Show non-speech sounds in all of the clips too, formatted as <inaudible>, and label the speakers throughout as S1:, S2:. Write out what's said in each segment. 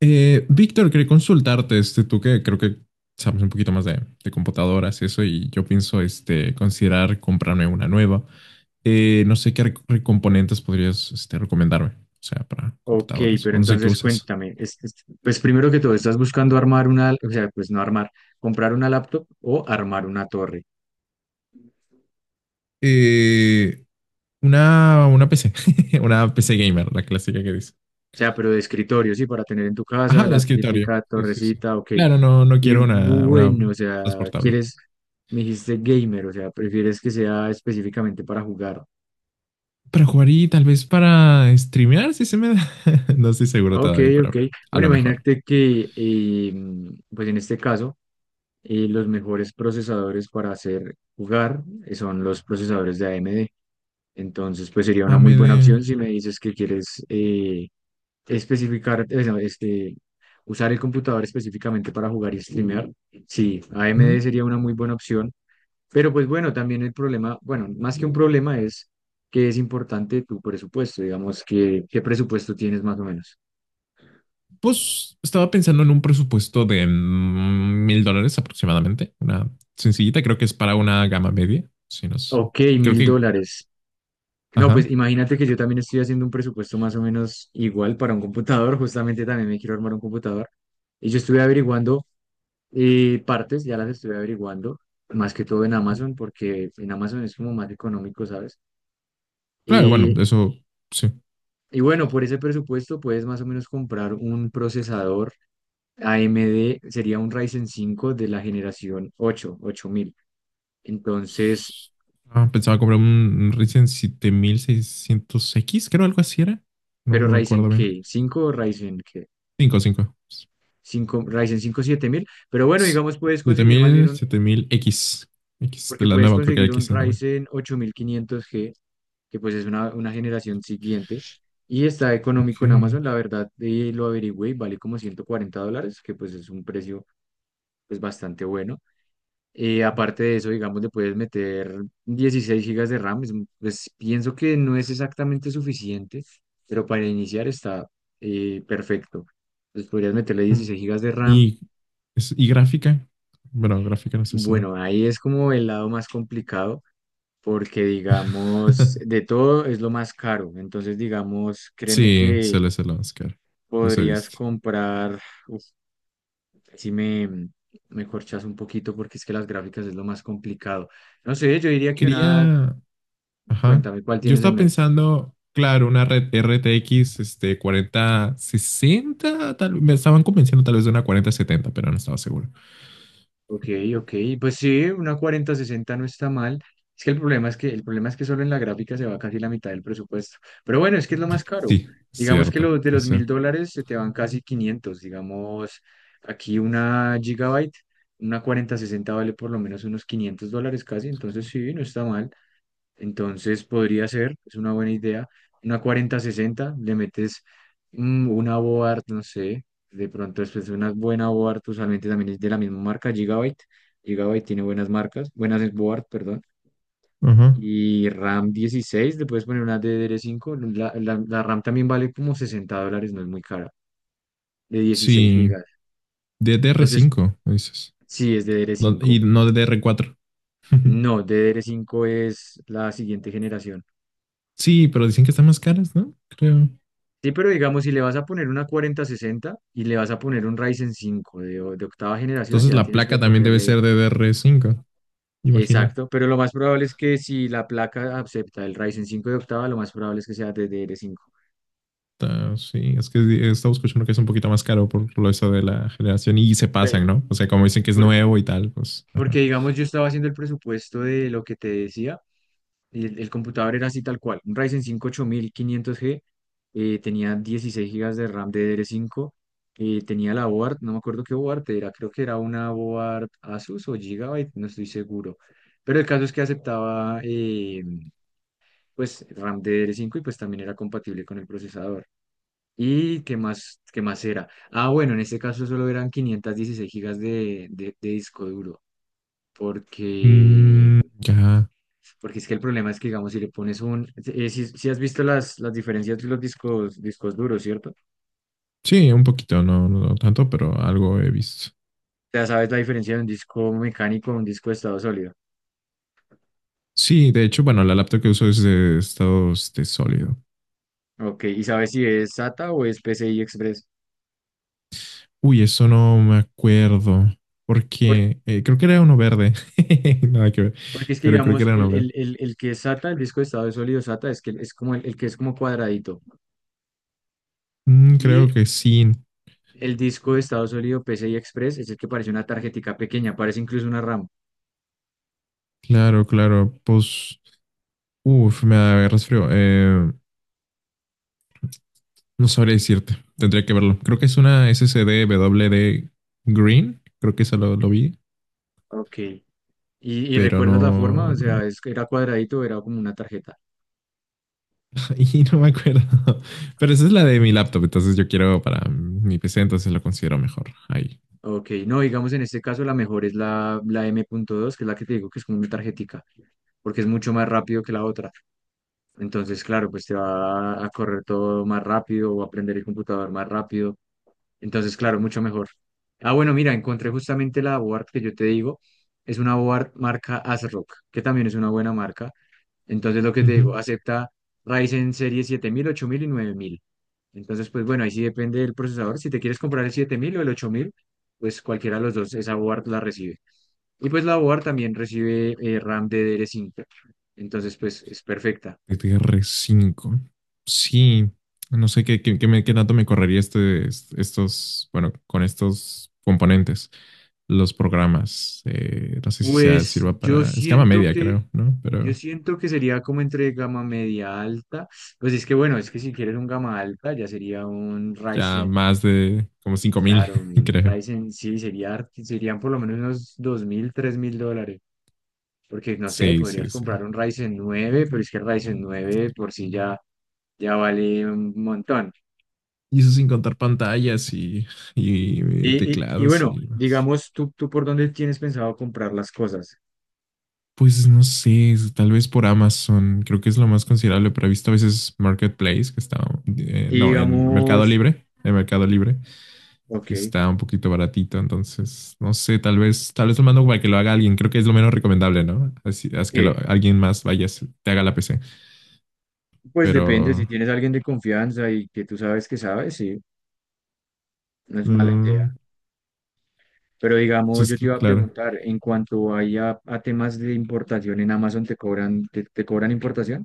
S1: Víctor, quería consultarte, tú que creo que sabes un poquito más de computadoras y eso, y yo pienso, considerar comprarme una nueva. No sé qué componentes podrías, recomendarme, o sea, para
S2: Ok,
S1: computadoras,
S2: pero
S1: o no sé qué
S2: entonces
S1: usas.
S2: cuéntame, pues primero que todo, ¿estás buscando armar una, o sea, pues no armar, comprar una laptop o armar una torre?
S1: Eh, una PC, <laughs> una PC gamer, la clásica que dice.
S2: O sea, pero de escritorio, sí, para tener en tu
S1: Ajá,
S2: casa
S1: de
S2: la
S1: escritorio.
S2: típica
S1: Sí, sí, sí.
S2: torrecita, ok.
S1: Claro, no, no
S2: Y
S1: quiero una
S2: bueno, o sea,
S1: transportable.
S2: quieres, me dijiste gamer, o sea, prefieres que sea específicamente para jugar.
S1: Para jugar y tal vez para streamear, si se me da. <laughs> No estoy seguro
S2: Ok,
S1: todavía,
S2: ok.
S1: pero a
S2: Bueno,
S1: lo mejor.
S2: imagínate que, pues en este caso, los mejores procesadores para hacer jugar son los procesadores de AMD. Entonces, pues sería
S1: A
S2: una muy buena
S1: AMD.
S2: opción si me dices que quieres especificar, no, este, usar el computador específicamente para jugar y streamear. Sí, AMD
S1: ¿Mm?
S2: sería una muy buena opción, pero pues bueno, también el problema, bueno, más que un problema es que es importante tu presupuesto, digamos, que, qué presupuesto tienes más o menos.
S1: Pues estaba pensando en un presupuesto de $1000 aproximadamente. Una sencillita, creo que es para una gama media. Sí, no sé.
S2: Ok,
S1: Creo
S2: mil
S1: que.
S2: dólares. No, pues
S1: Ajá.
S2: imagínate que yo también estoy haciendo un presupuesto más o menos igual para un computador, justamente también me quiero armar un computador. Y yo estuve averiguando. Y partes ya las estoy averiguando, más que todo en Amazon, porque en Amazon es como más económico, ¿sabes?
S1: Claro, bueno,
S2: Y,
S1: eso sí.
S2: y bueno, por ese presupuesto puedes más o menos comprar un procesador AMD, sería un Ryzen 5 de la generación 8, 8000. Entonces,
S1: Ah, pensaba comprar un Ryzen 7600X creo algo así era. No,
S2: pero
S1: no me
S2: Ryzen
S1: acuerdo bien.
S2: qué, 5 o Ryzen qué,
S1: Cinco, cinco,
S2: 5, Ryzen 5 7000, pero bueno, digamos puedes
S1: siete
S2: conseguir más bien
S1: mil,
S2: un,
S1: siete mil x X de
S2: porque
S1: la
S2: puedes
S1: nueva, creo que hay
S2: conseguir un
S1: X de nuevo.
S2: Ryzen 8500G que pues es una generación siguiente. Y está
S1: Ok.
S2: económico en Amazon, la verdad, lo averigüé y vale como $140, que pues es un precio pues bastante bueno. Aparte de eso, digamos, le puedes meter 16 gigas de RAM, es pues pienso que no es exactamente suficiente, pero para iniciar está perfecto. Pues podrías meterle
S1: Mm.
S2: dieciséis gigas de RAM.
S1: Y, y gráfica. Bueno, gráfica no sé si.
S2: Bueno, ahí es como el lado más complicado porque digamos, de
S1: <laughs>
S2: todo es lo más caro. Entonces, digamos, créeme
S1: Sí, se
S2: que
S1: le hace el Oscar. Eso he
S2: podrías
S1: visto.
S2: comprar, uf, si me, me corchas un poquito porque es que las gráficas es lo más complicado. No sé, yo diría que una,
S1: Quería. Ajá.
S2: cuéntame, ¿cuál
S1: Yo
S2: tienes en
S1: estaba
S2: mente?
S1: pensando, claro, una red RTX 4060 Tal, me estaban convenciendo tal vez de una 4070 pero no estaba seguro.
S2: Ok, ok, pues sí, una cuarenta sesenta no está mal. Es que el problema es que, el problema es que solo en la gráfica se va casi la mitad del presupuesto. Pero bueno, es que es lo más caro.
S1: Sí,
S2: Digamos que
S1: cierto.
S2: los de
S1: Es
S2: los mil
S1: cierto.
S2: dólares se te van casi quinientos. Digamos, aquí una gigabyte, una cuarenta sesenta vale por lo menos unos $500 casi, entonces sí, no está mal. Entonces podría ser, es una buena idea. Una 40-60, le metes una board, no sé, de pronto después de una buena board, usualmente también es de la misma marca, Gigabyte. Gigabyte tiene buenas marcas, buenas board, perdón.
S1: Ajá.
S2: Y RAM 16, le puedes poner una DDR5. La RAM también vale como $60, no es muy cara, de 16
S1: Sí,
S2: gigas.
S1: ddr
S2: Entonces,
S1: cinco dices.
S2: sí, es
S1: Y
S2: DDR5.
S1: no DDR4 <laughs>
S2: No, DDR5 es la siguiente generación.
S1: Sí, pero dicen que están más caras, ¿no? Creo.
S2: Sí, pero digamos, si le vas a poner una 4060 y le vas a poner un Ryzen 5 de, o- de octava generación,
S1: Entonces
S2: ya
S1: la
S2: tienes que
S1: placa también debe
S2: ponerle
S1: ser de DR5, imagina.
S2: exacto. Pero lo más probable es que si la placa acepta el Ryzen 5 de octava, lo más probable es que sea DDR5.
S1: Ah, sí, es que estamos escuchando que es un poquito más caro por lo eso de la generación y se
S2: Pero,
S1: pasan, ¿no? O sea, como dicen que es
S2: por-
S1: nuevo y tal, pues, ajá.
S2: porque digamos, yo estaba haciendo el presupuesto de lo que te decía. Y el computador era así tal cual, un Ryzen 5 8500G, tenía 16 gigas de RAM DDR5, tenía la board, no me acuerdo qué board era, creo que era una board Asus o Gigabyte, no estoy seguro. Pero el caso es que aceptaba pues RAM DDR5 y pues también era compatible con el procesador. ¿Y qué más era? Ah, bueno, en este caso solo eran 516 gigas de, de disco duro porque
S1: Mm, ya.
S2: porque es que el problema es que, digamos, si le pones un... si, si has visto las diferencias de los discos, discos duros, ¿cierto?
S1: Sí, un poquito, no, no tanto, pero algo he visto.
S2: Ya sabes la diferencia de un disco mecánico a un disco de estado sólido.
S1: Sí, de hecho, bueno, la laptop que uso es de estado sólido.
S2: Ok, y sabes si es SATA o es PCI Express.
S1: Uy, eso no me acuerdo.
S2: Por-
S1: Porque creo que era uno verde. <laughs> Nada que ver.
S2: porque es que,
S1: Pero creo que
S2: digamos,
S1: era uno verde.
S2: el que es SATA, el disco de estado sólido SATA, es, que es como el que es como cuadradito.
S1: Mm,
S2: Y
S1: creo que sí.
S2: el disco de estado sólido PCI Express es el que parece una tarjetica pequeña, parece incluso una RAM.
S1: Claro, claro. Pues. Uff, me agarras frío. No sabría decirte. Tendría que verlo. Creo que es una SSD WD Green. Creo que eso lo vi.
S2: Ok. Y
S1: Pero
S2: recuerdas la
S1: no.
S2: forma, o sea, es, era cuadradito, era como una tarjeta.
S1: <laughs> Y no me acuerdo. Pero esa es la de mi laptop. Entonces yo quiero para mi PC. Entonces lo considero mejor. Ahí.
S2: Ok, no, digamos en este caso la mejor es la, la M.2, que es la que te digo que es como una tarjetica, porque es mucho más rápido que la otra. Entonces, claro, pues te va a correr todo más rápido o a aprender el computador más rápido. Entonces, claro, mucho mejor. Ah, bueno, mira, encontré justamente la board que yo te digo. Es una board marca ASRock, que también es una buena marca. Entonces, lo que te
S1: Ujú.
S2: digo, acepta Ryzen serie siete mil ocho mil y nueve mil. Entonces, pues bueno, ahí sí depende del procesador. Si te quieres comprar el 7000 o el 8000 pues cualquiera de los dos, esa board la recibe. Y pues la board también recibe RAM ddr cinco. Entonces, pues es perfecta.
S1: GTR 5. Sí, no sé qué tanto me correría estos, bueno, con estos componentes, los programas. No sé si sea,
S2: Pues
S1: sirva para escama media, creo, ¿no?
S2: yo
S1: Pero
S2: siento que sería como entre gama media alta. Pues es que bueno, es que si quieres un gama alta, ya sería un
S1: ya
S2: Ryzen.
S1: más de como
S2: Y
S1: 5000
S2: claro,
S1: <laughs>
S2: un
S1: creo.
S2: Ryzen sí sería, serían por lo menos unos dos mil tres mil dólares. Porque no sé,
S1: Sí, sí,
S2: podrías
S1: sí.
S2: comprar un Ryzen nueve pero es que el Ryzen nueve por sí ya, ya vale un montón.
S1: Y eso sin contar pantallas y
S2: Y
S1: teclados
S2: bueno,
S1: y demás.
S2: digamos, ¿tú, tú por dónde tienes pensado comprar las cosas?
S1: Pues no sé, tal vez por Amazon, creo que es lo más considerable, pero he visto a veces Marketplace, que está,
S2: Y
S1: no, en
S2: digamos,
S1: Mercado Libre,
S2: ok,
S1: que está un poquito baratito, entonces, no sé, tal vez lo mando para que lo haga alguien, creo que es lo menos recomendable, ¿no? Así,
S2: ¿qué?
S1: alguien más vaya, te haga la PC,
S2: Pues depende, si
S1: pero,
S2: tienes a alguien de confianza y que tú sabes que sabes, sí, no es mala idea.
S1: mm,
S2: Pero
S1: pues
S2: digamos,
S1: es
S2: yo te
S1: que,
S2: iba a
S1: claro,
S2: preguntar, en cuanto hay a temas de importación en Amazon, ¿te cobran, te cobran importación?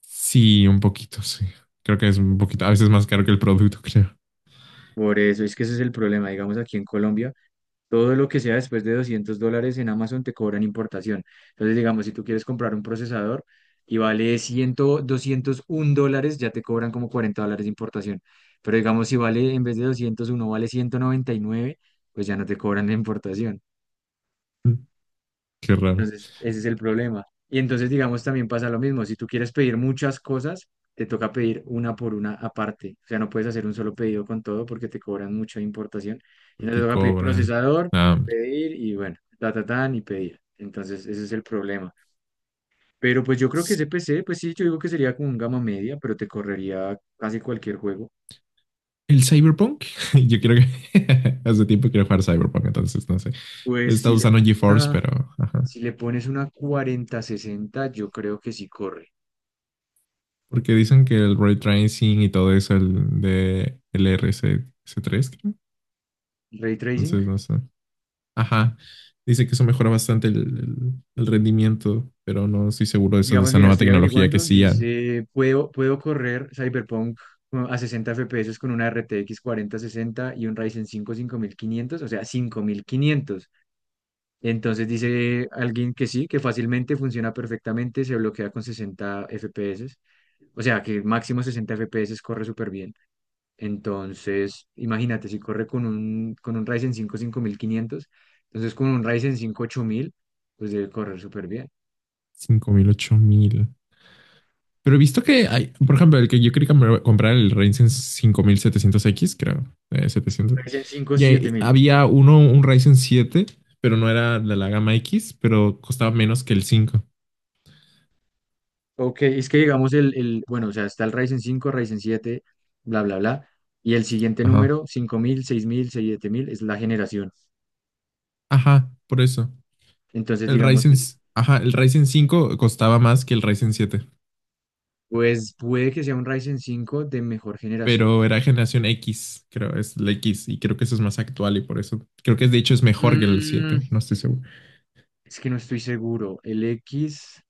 S1: sí, un poquito, sí. Creo que es un poquito, a veces más caro que el producto, <laughs> creo.
S2: Por eso es que ese es el problema, digamos, aquí en Colombia, todo lo que sea después de $200 en Amazon te cobran importación. Entonces, digamos, si tú quieres comprar un procesador y vale cien, doscientos $201, ya te cobran como $40 de importación. Pero digamos, si vale, en vez de 201 vale ciento noventa y nueve, pues ya no te cobran la importación.
S1: Qué raro.
S2: Entonces, ese es el problema. Y entonces, digamos, también pasa lo mismo. Si tú quieres pedir muchas cosas, te toca pedir una por una aparte. O sea, no puedes hacer un solo pedido con todo porque te cobran mucha importación. Y no te
S1: ¿Porque
S2: toca pedir
S1: cobra?
S2: procesador,
S1: Ah, hombre.
S2: pedir y bueno, ta, ta, tan y pedir. Entonces, ese es el problema. Pero pues yo creo que ese PC, pues sí, yo digo que sería como un gama media, pero te correría casi cualquier juego.
S1: ¿El Cyberpunk? <laughs> Yo quiero que... <laughs> Hace tiempo quiero jugar Cyberpunk, entonces no sé.
S2: Pues
S1: Está
S2: si le
S1: usando
S2: pones
S1: GeForce,
S2: una,
S1: pero... Ajá.
S2: si le pones una cuarenta sesenta yo creo que sí corre.
S1: Porque dicen que el ray tracing y todo eso, el de el R C 3 creo.
S2: Ray Tracing.
S1: Entonces no sé. Ajá. Dice que eso mejora bastante el rendimiento, pero no estoy seguro de eso, de
S2: Digamos,
S1: esa
S2: mira,
S1: nueva
S2: estoy
S1: tecnología que
S2: averiguando,
S1: sí a
S2: dice, puedo, puedo correr Cyberpunk a 60 FPS con una RTX 4060 y un Ryzen 5 5500, o sea, 5500. Entonces dice alguien que sí, que fácilmente funciona perfectamente, se bloquea con 60 FPS, o sea, que máximo 60 FPS corre súper bien. Entonces, imagínate, si corre con un Ryzen 5 5500, entonces con un Ryzen 5 8000, pues debe correr súper bien.
S1: 5000, 8000. Pero he visto que hay, por ejemplo, el que yo quería comprar, el Ryzen 5700X creo, 700.
S2: Ryzen 5
S1: Y
S2: 7000.
S1: había uno, un Ryzen siete pero no era de la gama X, pero costaba menos que el cinco.
S2: Ok, es que digamos el, bueno, o sea, está el Ryzen cinco, Ryzen siete, bla, bla, bla, y el siguiente
S1: Ajá.
S2: número, cinco mil, seis mil, siete mil es la generación.
S1: Ajá, por eso.
S2: Entonces,
S1: El
S2: digamos,
S1: Ryzen,
S2: pues,
S1: ajá, el Ryzen cinco costaba más que el Ryzen siete
S2: pues puede que sea un Ryzen cinco de mejor generación.
S1: pero era generación X, creo, es la X, y creo que eso es más actual y por eso, creo que de hecho es mejor que el
S2: Mm,
S1: siete no estoy seguro.
S2: es que no estoy seguro. El X,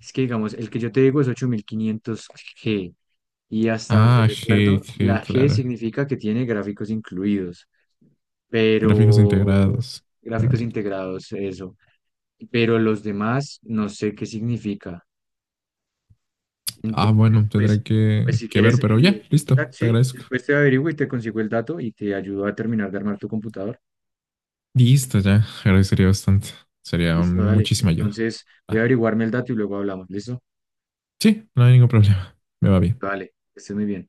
S2: es que digamos, el que yo te digo es ocho mil quinientos g y hasta donde
S1: Ah, G,
S2: recuerdo,
S1: G,
S2: la G
S1: claro.
S2: significa que tiene gráficos incluidos,
S1: Gráficos
S2: pero
S1: integrados.
S2: gráficos
S1: Claro.
S2: integrados, eso. Pero los demás no sé qué significa.
S1: Ah,
S2: Entonces,
S1: bueno,
S2: pues,
S1: tendré
S2: pues
S1: que,
S2: si
S1: que
S2: quieres,
S1: ver, pero ya, listo,
S2: ah,
S1: te
S2: sí,
S1: agradezco.
S2: después te averiguo y te consigo el dato y te ayudo a terminar de armar tu computador.
S1: Listo, ya, agradecería bastante.
S2: Listo, dale.
S1: Muchísima ayuda.
S2: Entonces, voy a
S1: Ah,
S2: averiguarme el dato y luego hablamos. ¿Listo?
S1: sí, no hay ningún problema. Me va bien.
S2: Listo, dale. Que estés muy bien.